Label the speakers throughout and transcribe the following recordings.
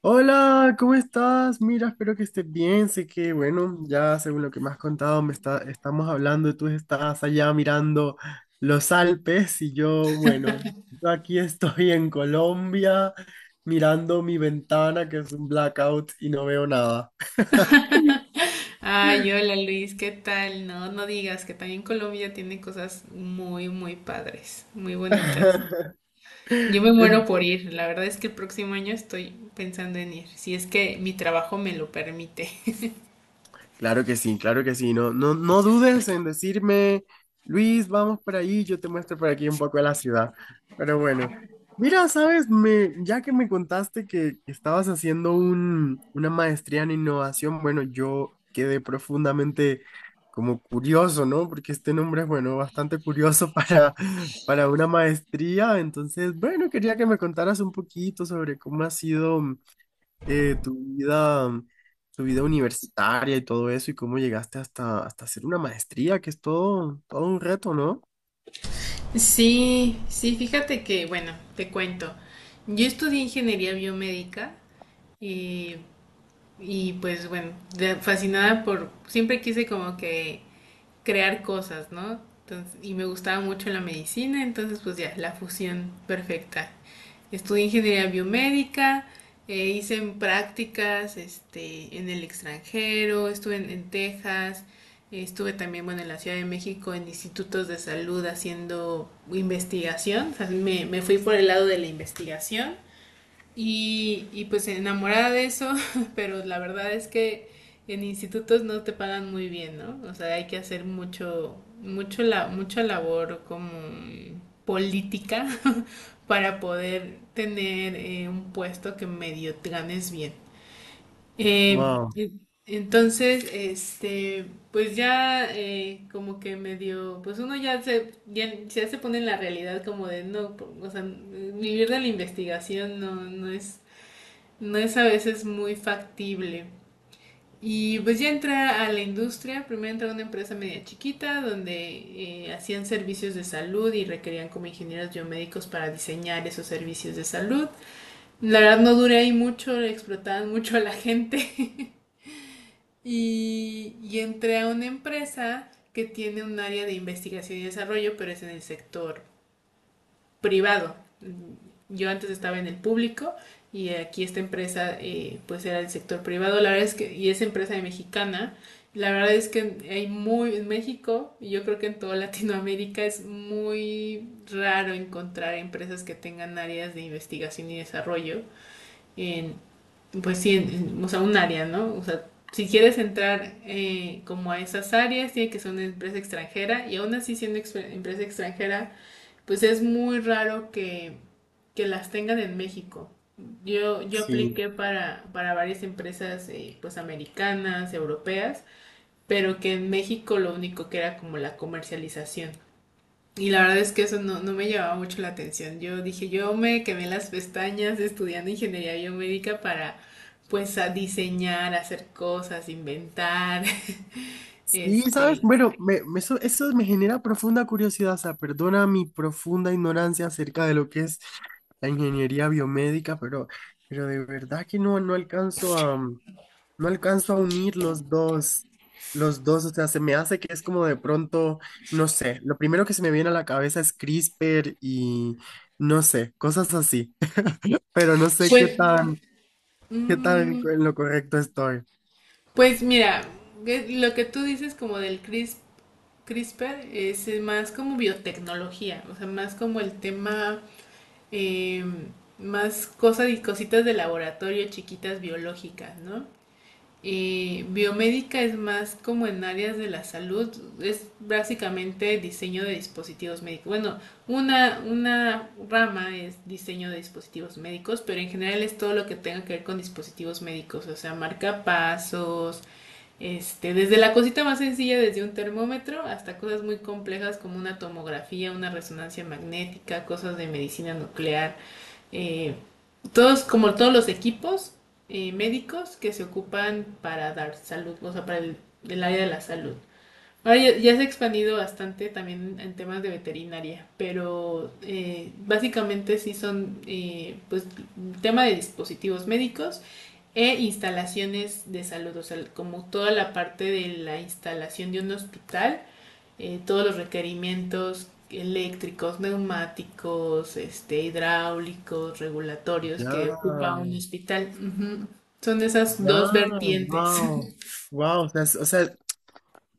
Speaker 1: Hola, ¿cómo estás? Mira, espero que estés bien. Sé que, bueno, ya según lo que me has contado, estamos hablando y tú estás allá mirando los Alpes y yo, bueno, yo aquí estoy en Colombia mirando mi ventana que es un blackout y no veo nada.
Speaker 2: Ay, hola Luis, ¿qué tal? No, no digas que también Colombia tiene cosas muy, muy padres, muy bonitas. Yo me muero
Speaker 1: En-
Speaker 2: por ir, la verdad es que el próximo año estoy pensando en ir, si es que mi trabajo me lo permite.
Speaker 1: Claro que sí, claro que sí. No dudes en decirme, Luis, vamos por ahí, yo te muestro por aquí un poco de la ciudad. Pero bueno, mira, sabes, ya que me contaste que estabas haciendo una maestría en innovación, bueno, yo quedé profundamente como curioso, ¿no? Porque este nombre es, bueno, bastante curioso para una maestría. Entonces, bueno, quería que me contaras un poquito sobre cómo ha sido eh, tu vida, tu vida universitaria y todo eso, y cómo llegaste hasta hacer una maestría, que es todo, todo un reto, ¿no?
Speaker 2: Sí, sí, fíjate que, bueno, te cuento. Yo estudié ingeniería biomédica y, y pues bueno, fascinada por, siempre quise como que crear cosas, ¿no? Entonces, y me gustaba mucho la medicina, entonces pues ya, la fusión perfecta. Estudié ingeniería biomédica, hice prácticas este, en el extranjero, estuve en Texas, estuve también bueno, en la Ciudad de México en institutos de salud haciendo investigación, o sea, me fui por el lado de la investigación y pues enamorada de eso, pero la verdad es que en institutos no te pagan muy bien, ¿no? O sea, hay que hacer mucho, mucha labor como política para poder tener un puesto que medio te ganes bien. Eh,
Speaker 1: Wow.
Speaker 2: en- entonces, este, pues ya como que medio, pues uno ya se pone en la realidad como de no, o sea, vivir de la investigación no, no es a veces muy factible. Y pues ya entré a la industria, primero entré a una empresa media chiquita donde hacían servicios de salud y requerían como ingenieros biomédicos para diseñar esos servicios de salud. La verdad no duré ahí mucho, explotaban mucho a la gente. Y entré a una empresa que tiene un área de investigación y desarrollo, pero es en el sector privado. Yo antes estaba en el público y aquí esta empresa pues era el sector privado. La verdad es que, y es empresa mexicana, la verdad es que en México y yo creo que en toda Latinoamérica es muy raro encontrar empresas que tengan áreas de investigación y desarrollo en, pues sí, en, o sea, un área, ¿no? O sea, si quieres entrar como a esas áreas, tiene que ser una empresa extranjera y aún así siendo empresa extranjera pues es muy raro que, las tengan en México. Yo
Speaker 1: Sí.
Speaker 2: apliqué para varias empresas pues americanas, europeas, pero que en México lo único que era como la comercialización. Y la verdad es que eso no, no me llamaba mucho la atención. Yo dije, yo me quemé las pestañas estudiando ingeniería biomédica para pues a diseñar, hacer cosas, inventar,
Speaker 1: Sí, ¿sabes?
Speaker 2: este,
Speaker 1: Bueno, eso, eso me genera profunda curiosidad, o sea, perdona mi profunda ignorancia acerca de lo que es la ingeniería biomédica, pero de verdad que no, no alcanzo a unir los dos. Los dos, o sea, se me hace que es como de pronto, no sé, lo primero que se me viene a la cabeza es CRISPR y no sé, cosas así, pero no sé
Speaker 2: pues,
Speaker 1: qué tan
Speaker 2: mm.
Speaker 1: en lo correcto estoy.
Speaker 2: Pues mira, lo que tú dices como del CRISPR es más como biotecnología, o sea, más como el tema, eh, más cosas y cositas de laboratorio chiquitas biológicas, ¿no? Biomédica es más como en áreas de la salud, es básicamente diseño de dispositivos médicos. Bueno, una rama es diseño de dispositivos médicos, pero en general es todo lo que tenga que ver con dispositivos médicos, o sea, marcapasos, este, desde la cosita más sencilla, desde un termómetro, hasta cosas muy complejas como una tomografía, una resonancia magnética, cosas de medicina nuclear, eh, como todos los equipos médicos que se ocupan para dar salud, o sea, para el área de la salud. Ahora ya se ha expandido bastante también en temas de veterinaria, pero básicamente sí son pues tema de dispositivos médicos e instalaciones de salud, o sea, como toda la parte de la instalación de un hospital, todos los requerimientos eléctricos, neumáticos, este, hidráulicos, regulatorios
Speaker 1: Ya,
Speaker 2: que ocupa un hospital. Ujú. Son esas
Speaker 1: ya,
Speaker 2: dos vertientes.
Speaker 1: wow, wow, o sea, o sea,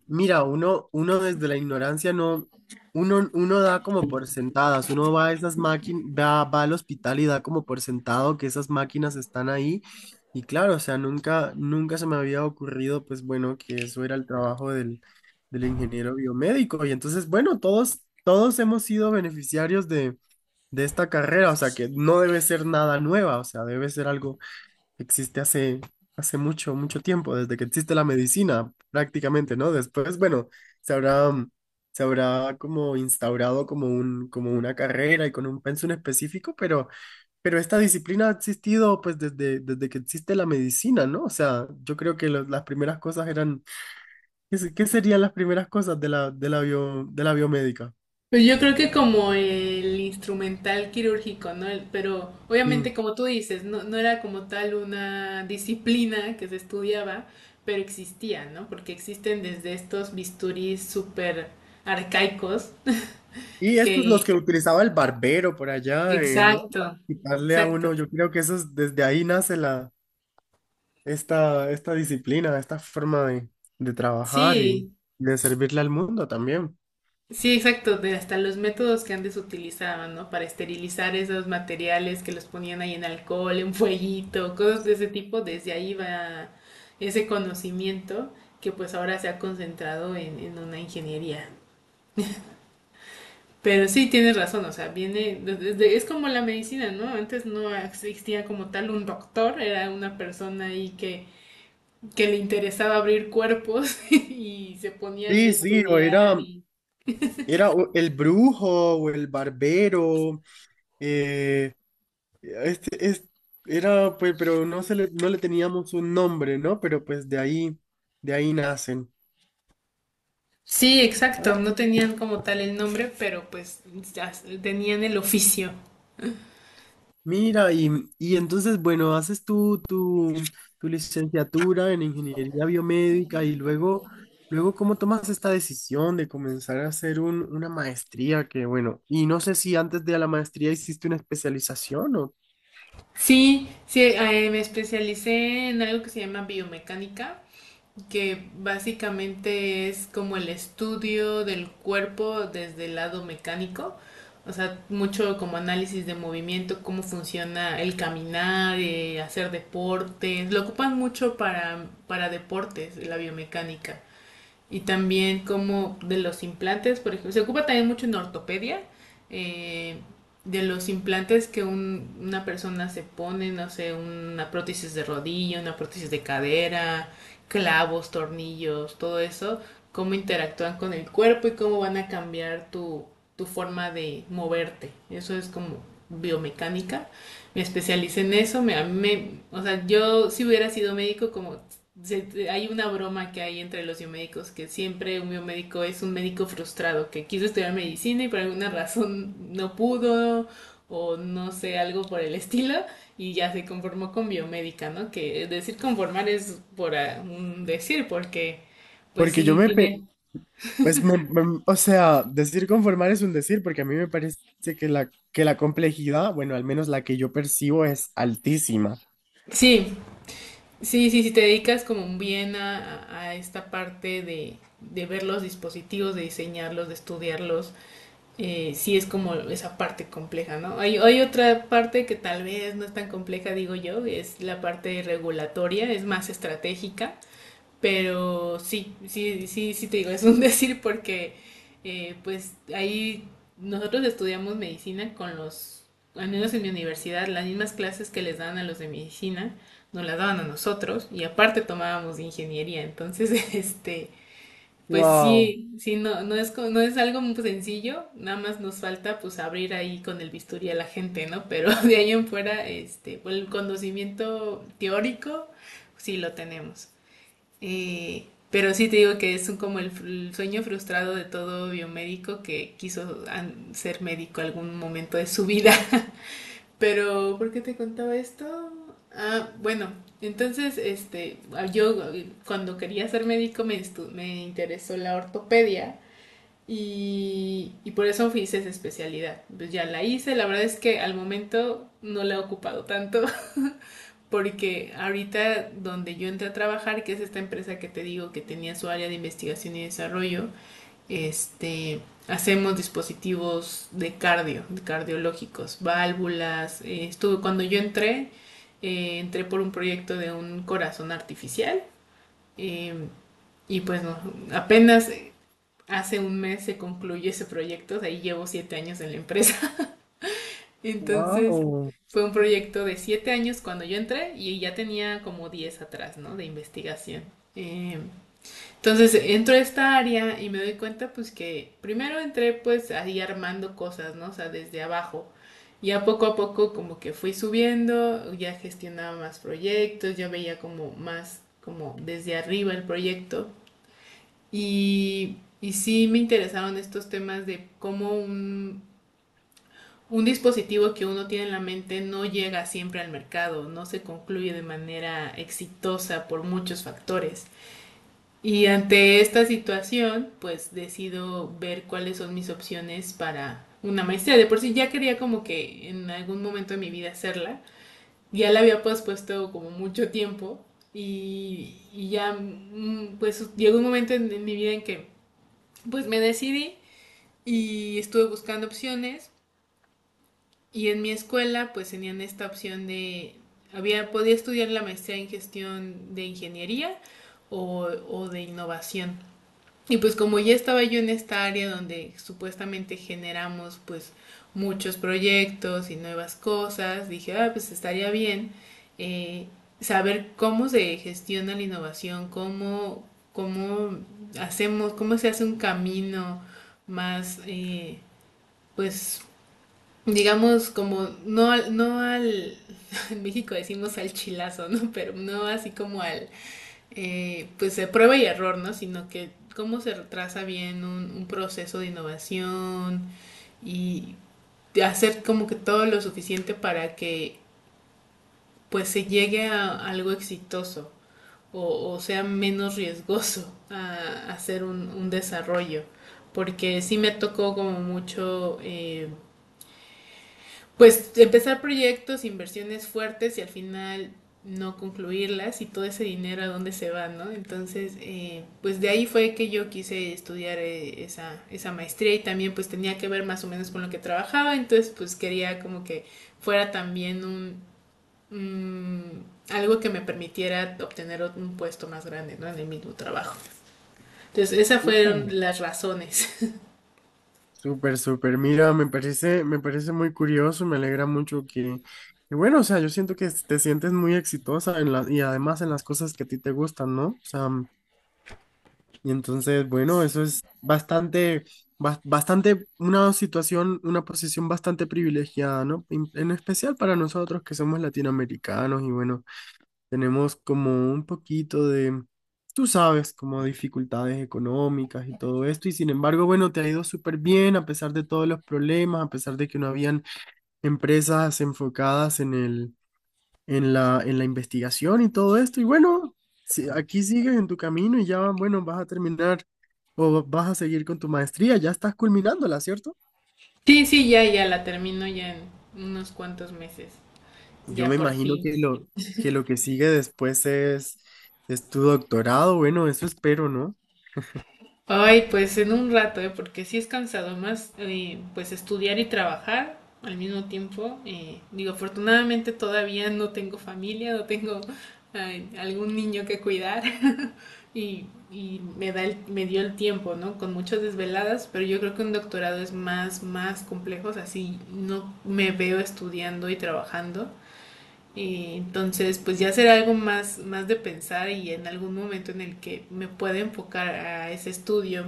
Speaker 1: mira, uno desde la ignorancia no, uno da como por sentadas, uno va a esas máquinas, va al hospital y da como por sentado que esas máquinas están ahí. Y claro, o sea, nunca, nunca se me había ocurrido, pues bueno, que eso era el trabajo del ingeniero biomédico. Y entonces, bueno, todos, todos hemos sido beneficiarios de esta carrera, o sea, que no debe ser nada nueva, o sea, debe ser algo existe hace, hace mucho, mucho tiempo, desde que existe la medicina, prácticamente, ¿no? Después, bueno, se habrá, mm, se habrá como instaurado como un, como una carrera y con un pensum específico, pero esta disciplina ha existido pues desde, desde que existe la medicina, ¿no? O sea, yo creo que las primeras cosas eran, ¿qué, qué serían las primeras cosas de la, de la de la biomédica?
Speaker 2: Pues yo creo que como el instrumental quirúrgico, ¿no? Pero
Speaker 1: Y,
Speaker 2: obviamente como tú dices, no, no era como tal una disciplina que se estudiaba, pero existía, ¿no? Porque existen desde estos bisturís súper arcaicos
Speaker 1: y estos los
Speaker 2: que...
Speaker 1: que utilizaba el barbero por allá, ¿no?
Speaker 2: Exacto,
Speaker 1: Para quitarle a
Speaker 2: exacto.
Speaker 1: uno, yo creo que eso es, desde ahí nace esta, esta disciplina, esta forma de trabajar y
Speaker 2: Sí,
Speaker 1: de servirle al mundo también.
Speaker 2: sí, exacto, de hasta los métodos que antes utilizaban, ¿no? Para esterilizar esos materiales que los ponían ahí en alcohol, en fueguito, cosas de ese tipo, desde ahí va ese conocimiento que pues ahora se ha concentrado en, una ingeniería. Pero sí, tienes razón, o sea, viene, es como la medicina, ¿no? Antes no existía como tal un doctor, era una persona ahí que le interesaba abrir cuerpos y se ponía ahí
Speaker 1: Sí,
Speaker 2: a
Speaker 1: sí, o
Speaker 2: estudiar
Speaker 1: era,
Speaker 2: y
Speaker 1: era o el brujo o el barbero, eh, este, era, pues, pero no se le, no le teníamos un nombre, ¿no? Pero pues de ahí nacen.
Speaker 2: Sí, exacto, no tenían como tal el nombre, pero pues ya tenían el oficio.
Speaker 1: Mira, y entonces, bueno, haces tú tu, tu licenciatura en ingeniería biomédica y luego, luego, ¿cómo tomas esta decisión de comenzar a hacer un, una maestría? Que bueno, y no sé si antes de la maestría hiciste una especialización o...
Speaker 2: Sí, sí, me especialicé en algo que se llama biomecánica, que básicamente es como el estudio del cuerpo desde el lado mecánico, o sea, mucho como análisis de movimiento, cómo funciona el caminar, hacer deportes, lo ocupan mucho para, deportes, la biomecánica. Y también como de los implantes, por ejemplo, se ocupa también mucho en ortopedia, eh, de los implantes que una persona se pone, no sé, una prótesis de rodilla, una prótesis de cadera, clavos, tornillos, todo eso, cómo interactúan con el cuerpo y cómo van a cambiar tu forma de moverte. Eso es como biomecánica. Me especialicé en eso, o sea, yo si hubiera sido médico hay una broma que hay entre los biomédicos, que siempre un biomédico es un médico frustrado, que quiso estudiar medicina y por alguna razón no pudo, o no sé, algo por el estilo, y ya se conformó con biomédica, ¿no? Que decir conformar es por un decir, porque pues
Speaker 1: Porque
Speaker 2: sí tiene...
Speaker 1: pues o sea, decir conformar es un decir, porque a mí me parece que la complejidad, bueno, al menos la que yo percibo es altísima.
Speaker 2: Sí, sí, sí, si te dedicas como bien a esta parte de ver los dispositivos, de diseñarlos, de estudiarlos sí es como esa parte compleja, ¿no? Hay otra parte que tal vez no es tan compleja, digo yo, es la parte regulatoria, es más estratégica, pero sí, sí, sí, sí te digo, es un decir porque pues ahí nosotros estudiamos medicina al menos en mi universidad, las mismas clases que les dan a los de medicina, nos las daban a nosotros y aparte tomábamos de ingeniería, entonces este pues
Speaker 1: Wow,
Speaker 2: sí, sí, no, no es algo muy sencillo, nada más nos falta pues abrir ahí con el bisturí a la gente, ¿no? Pero de ahí en fuera, este, pues, el conocimiento teórico sí lo tenemos. Eh, pero sí te digo que es como el sueño frustrado de todo biomédico que quiso ser médico algún momento de su vida. Pero, ¿por qué te contaba esto? Ah, bueno, entonces, este, yo cuando quería ser médico me interesó la ortopedia y por eso hice esa especialidad. Pues ya la hice, la verdad es que al momento no la he ocupado tanto porque ahorita donde yo entré a trabajar, que es esta empresa que te digo que tenía su área de investigación y desarrollo, este, hacemos dispositivos de cardiológicos, válvulas. Estuve, cuando yo entré, entré por un proyecto de un corazón artificial eh, y pues no, apenas hace un mes se concluye ese proyecto, de ahí llevo 7 años en la empresa. Entonces
Speaker 1: wow,
Speaker 2: fue un proyecto de 7 años cuando yo entré y ya tenía como 10 atrás, ¿no? De investigación. Eh, entonces entro a esta área y me doy cuenta pues que primero entré pues ahí armando cosas, ¿no? O sea, desde abajo. Ya poco a poco como que fui subiendo, ya gestionaba más proyectos, yo veía como más como desde arriba el proyecto. Y sí me interesaron estos temas de cómo un, dispositivo que uno tiene en la mente no llega siempre al mercado, no se concluye de manera exitosa por muchos factores. Y ante esta situación, pues decido ver cuáles son mis opciones para una maestría. De por sí ya quería como que en algún momento de mi vida hacerla. Ya la había pospuesto como mucho tiempo y ya pues llegó un momento en mi vida en que pues me decidí y estuve buscando opciones y en mi escuela pues tenían esta opción de había podía estudiar la maestría en gestión de ingeniería o de innovación y pues como ya estaba yo en esta área donde supuestamente generamos pues muchos proyectos y nuevas cosas, dije, ah, pues estaría bien eh, saber cómo se gestiona la innovación, cómo, hacemos, cómo se hace un camino más, pues digamos como no al, en México decimos al chilazo, ¿no? Pero no así como al pues de prueba y error, ¿no? Sino que cómo se retrasa bien un, proceso de innovación y de hacer como que todo lo suficiente para que pues se llegue a algo exitoso o sea menos riesgoso a, hacer un desarrollo. Porque sí me tocó como mucho pues empezar proyectos, inversiones fuertes y al final no concluirlas y todo ese dinero a dónde se va, ¿no? Entonces, pues de ahí fue que yo quise estudiar esa, maestría y también pues tenía que ver más o menos con lo que trabajaba, entonces pues quería como que fuera también un- algo que me permitiera obtener un puesto más grande, ¿no? En el mismo trabajo. Entonces, esas fueron las razones.
Speaker 1: súper, súper. Mira, me parece muy curioso, me alegra mucho que, bueno, o sea, yo siento que te sientes muy exitosa en la, y además en las cosas que a ti te gustan, ¿no? O sea, y entonces, bueno, eso es bastante, bastante, una situación, una posición bastante privilegiada, ¿no? En especial para nosotros que somos latinoamericanos y bueno. Tenemos como un poquito de, tú sabes, como dificultades económicas y todo esto. Y sin embargo, bueno, te ha ido súper bien a pesar de todos los problemas, a pesar de que no habían empresas enfocadas en el, en la investigación y todo esto. Y bueno, aquí sigues en tu camino y ya, bueno, vas a terminar o vas a seguir con tu maestría. Ya estás culminándola, ¿cierto?
Speaker 2: Sí, sí, ya, ya la termino ya en unos cuantos meses,
Speaker 1: Yo
Speaker 2: ya
Speaker 1: me
Speaker 2: por
Speaker 1: imagino
Speaker 2: fin.
Speaker 1: que lo que sigue después es tu doctorado. Bueno, eso espero, ¿no?
Speaker 2: Ay, pues en un rato, ¿eh? Porque sí es cansado más, pues estudiar y trabajar al mismo tiempo. Digo, afortunadamente todavía no tengo familia, no tengo ay, algún niño que cuidar y me da me dio el tiempo, ¿no? Con muchas desveladas, pero yo creo que un doctorado es más, más complejo, o sea, sí, no me veo estudiando y trabajando entonces, pues ya será algo más, más de pensar y en algún momento en el que me pueda enfocar a ese estudio,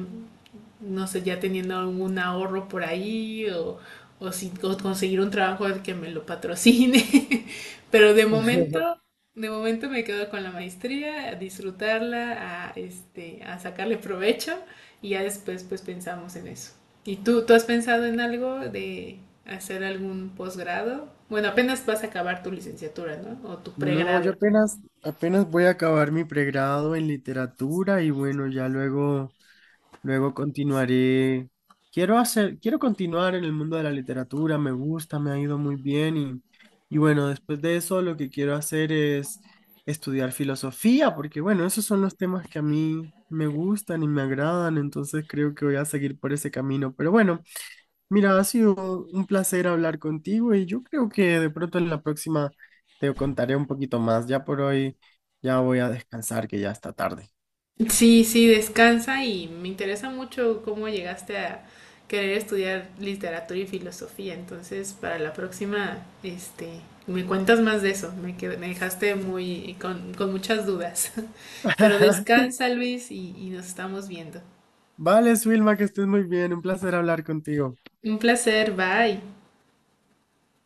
Speaker 2: no sé, ya teniendo algún ahorro por ahí o si, o conseguir un trabajo al que me lo patrocine. Pero de momento me quedo con la maestría, a disfrutarla, a sacarle provecho y ya después pues pensamos en eso. ¿Y tú, has pensado en algo de hacer algún posgrado? Bueno, apenas vas a acabar tu licenciatura, ¿no? O tu
Speaker 1: No,
Speaker 2: pregrado.
Speaker 1: yo apenas, apenas voy a acabar mi pregrado en literatura y bueno, ya luego, luego continuaré. Quiero hacer, quiero continuar en el mundo de la literatura, me gusta, me ha ido muy bien y bueno, después de eso lo que quiero hacer es estudiar filosofía, porque bueno, esos son los temas que a mí me gustan y me agradan, entonces creo que voy a seguir por ese camino. Pero bueno. Mira, ha sido un placer hablar contigo y yo creo que de pronto en la próxima te contaré un poquito más. Ya por hoy ya voy a descansar que ya está tarde.
Speaker 2: Sí, sí, descansa y me interesa mucho cómo llegaste a querer estudiar literatura y filosofía. Entonces, para la próxima, este, me cuentas más de eso. Me dejaste muy con, muchas dudas. Pero descansa, Luis, y nos estamos viendo.
Speaker 1: Vale, Swilma, que estés muy bien. Un placer hablar contigo.
Speaker 2: Un placer, bye.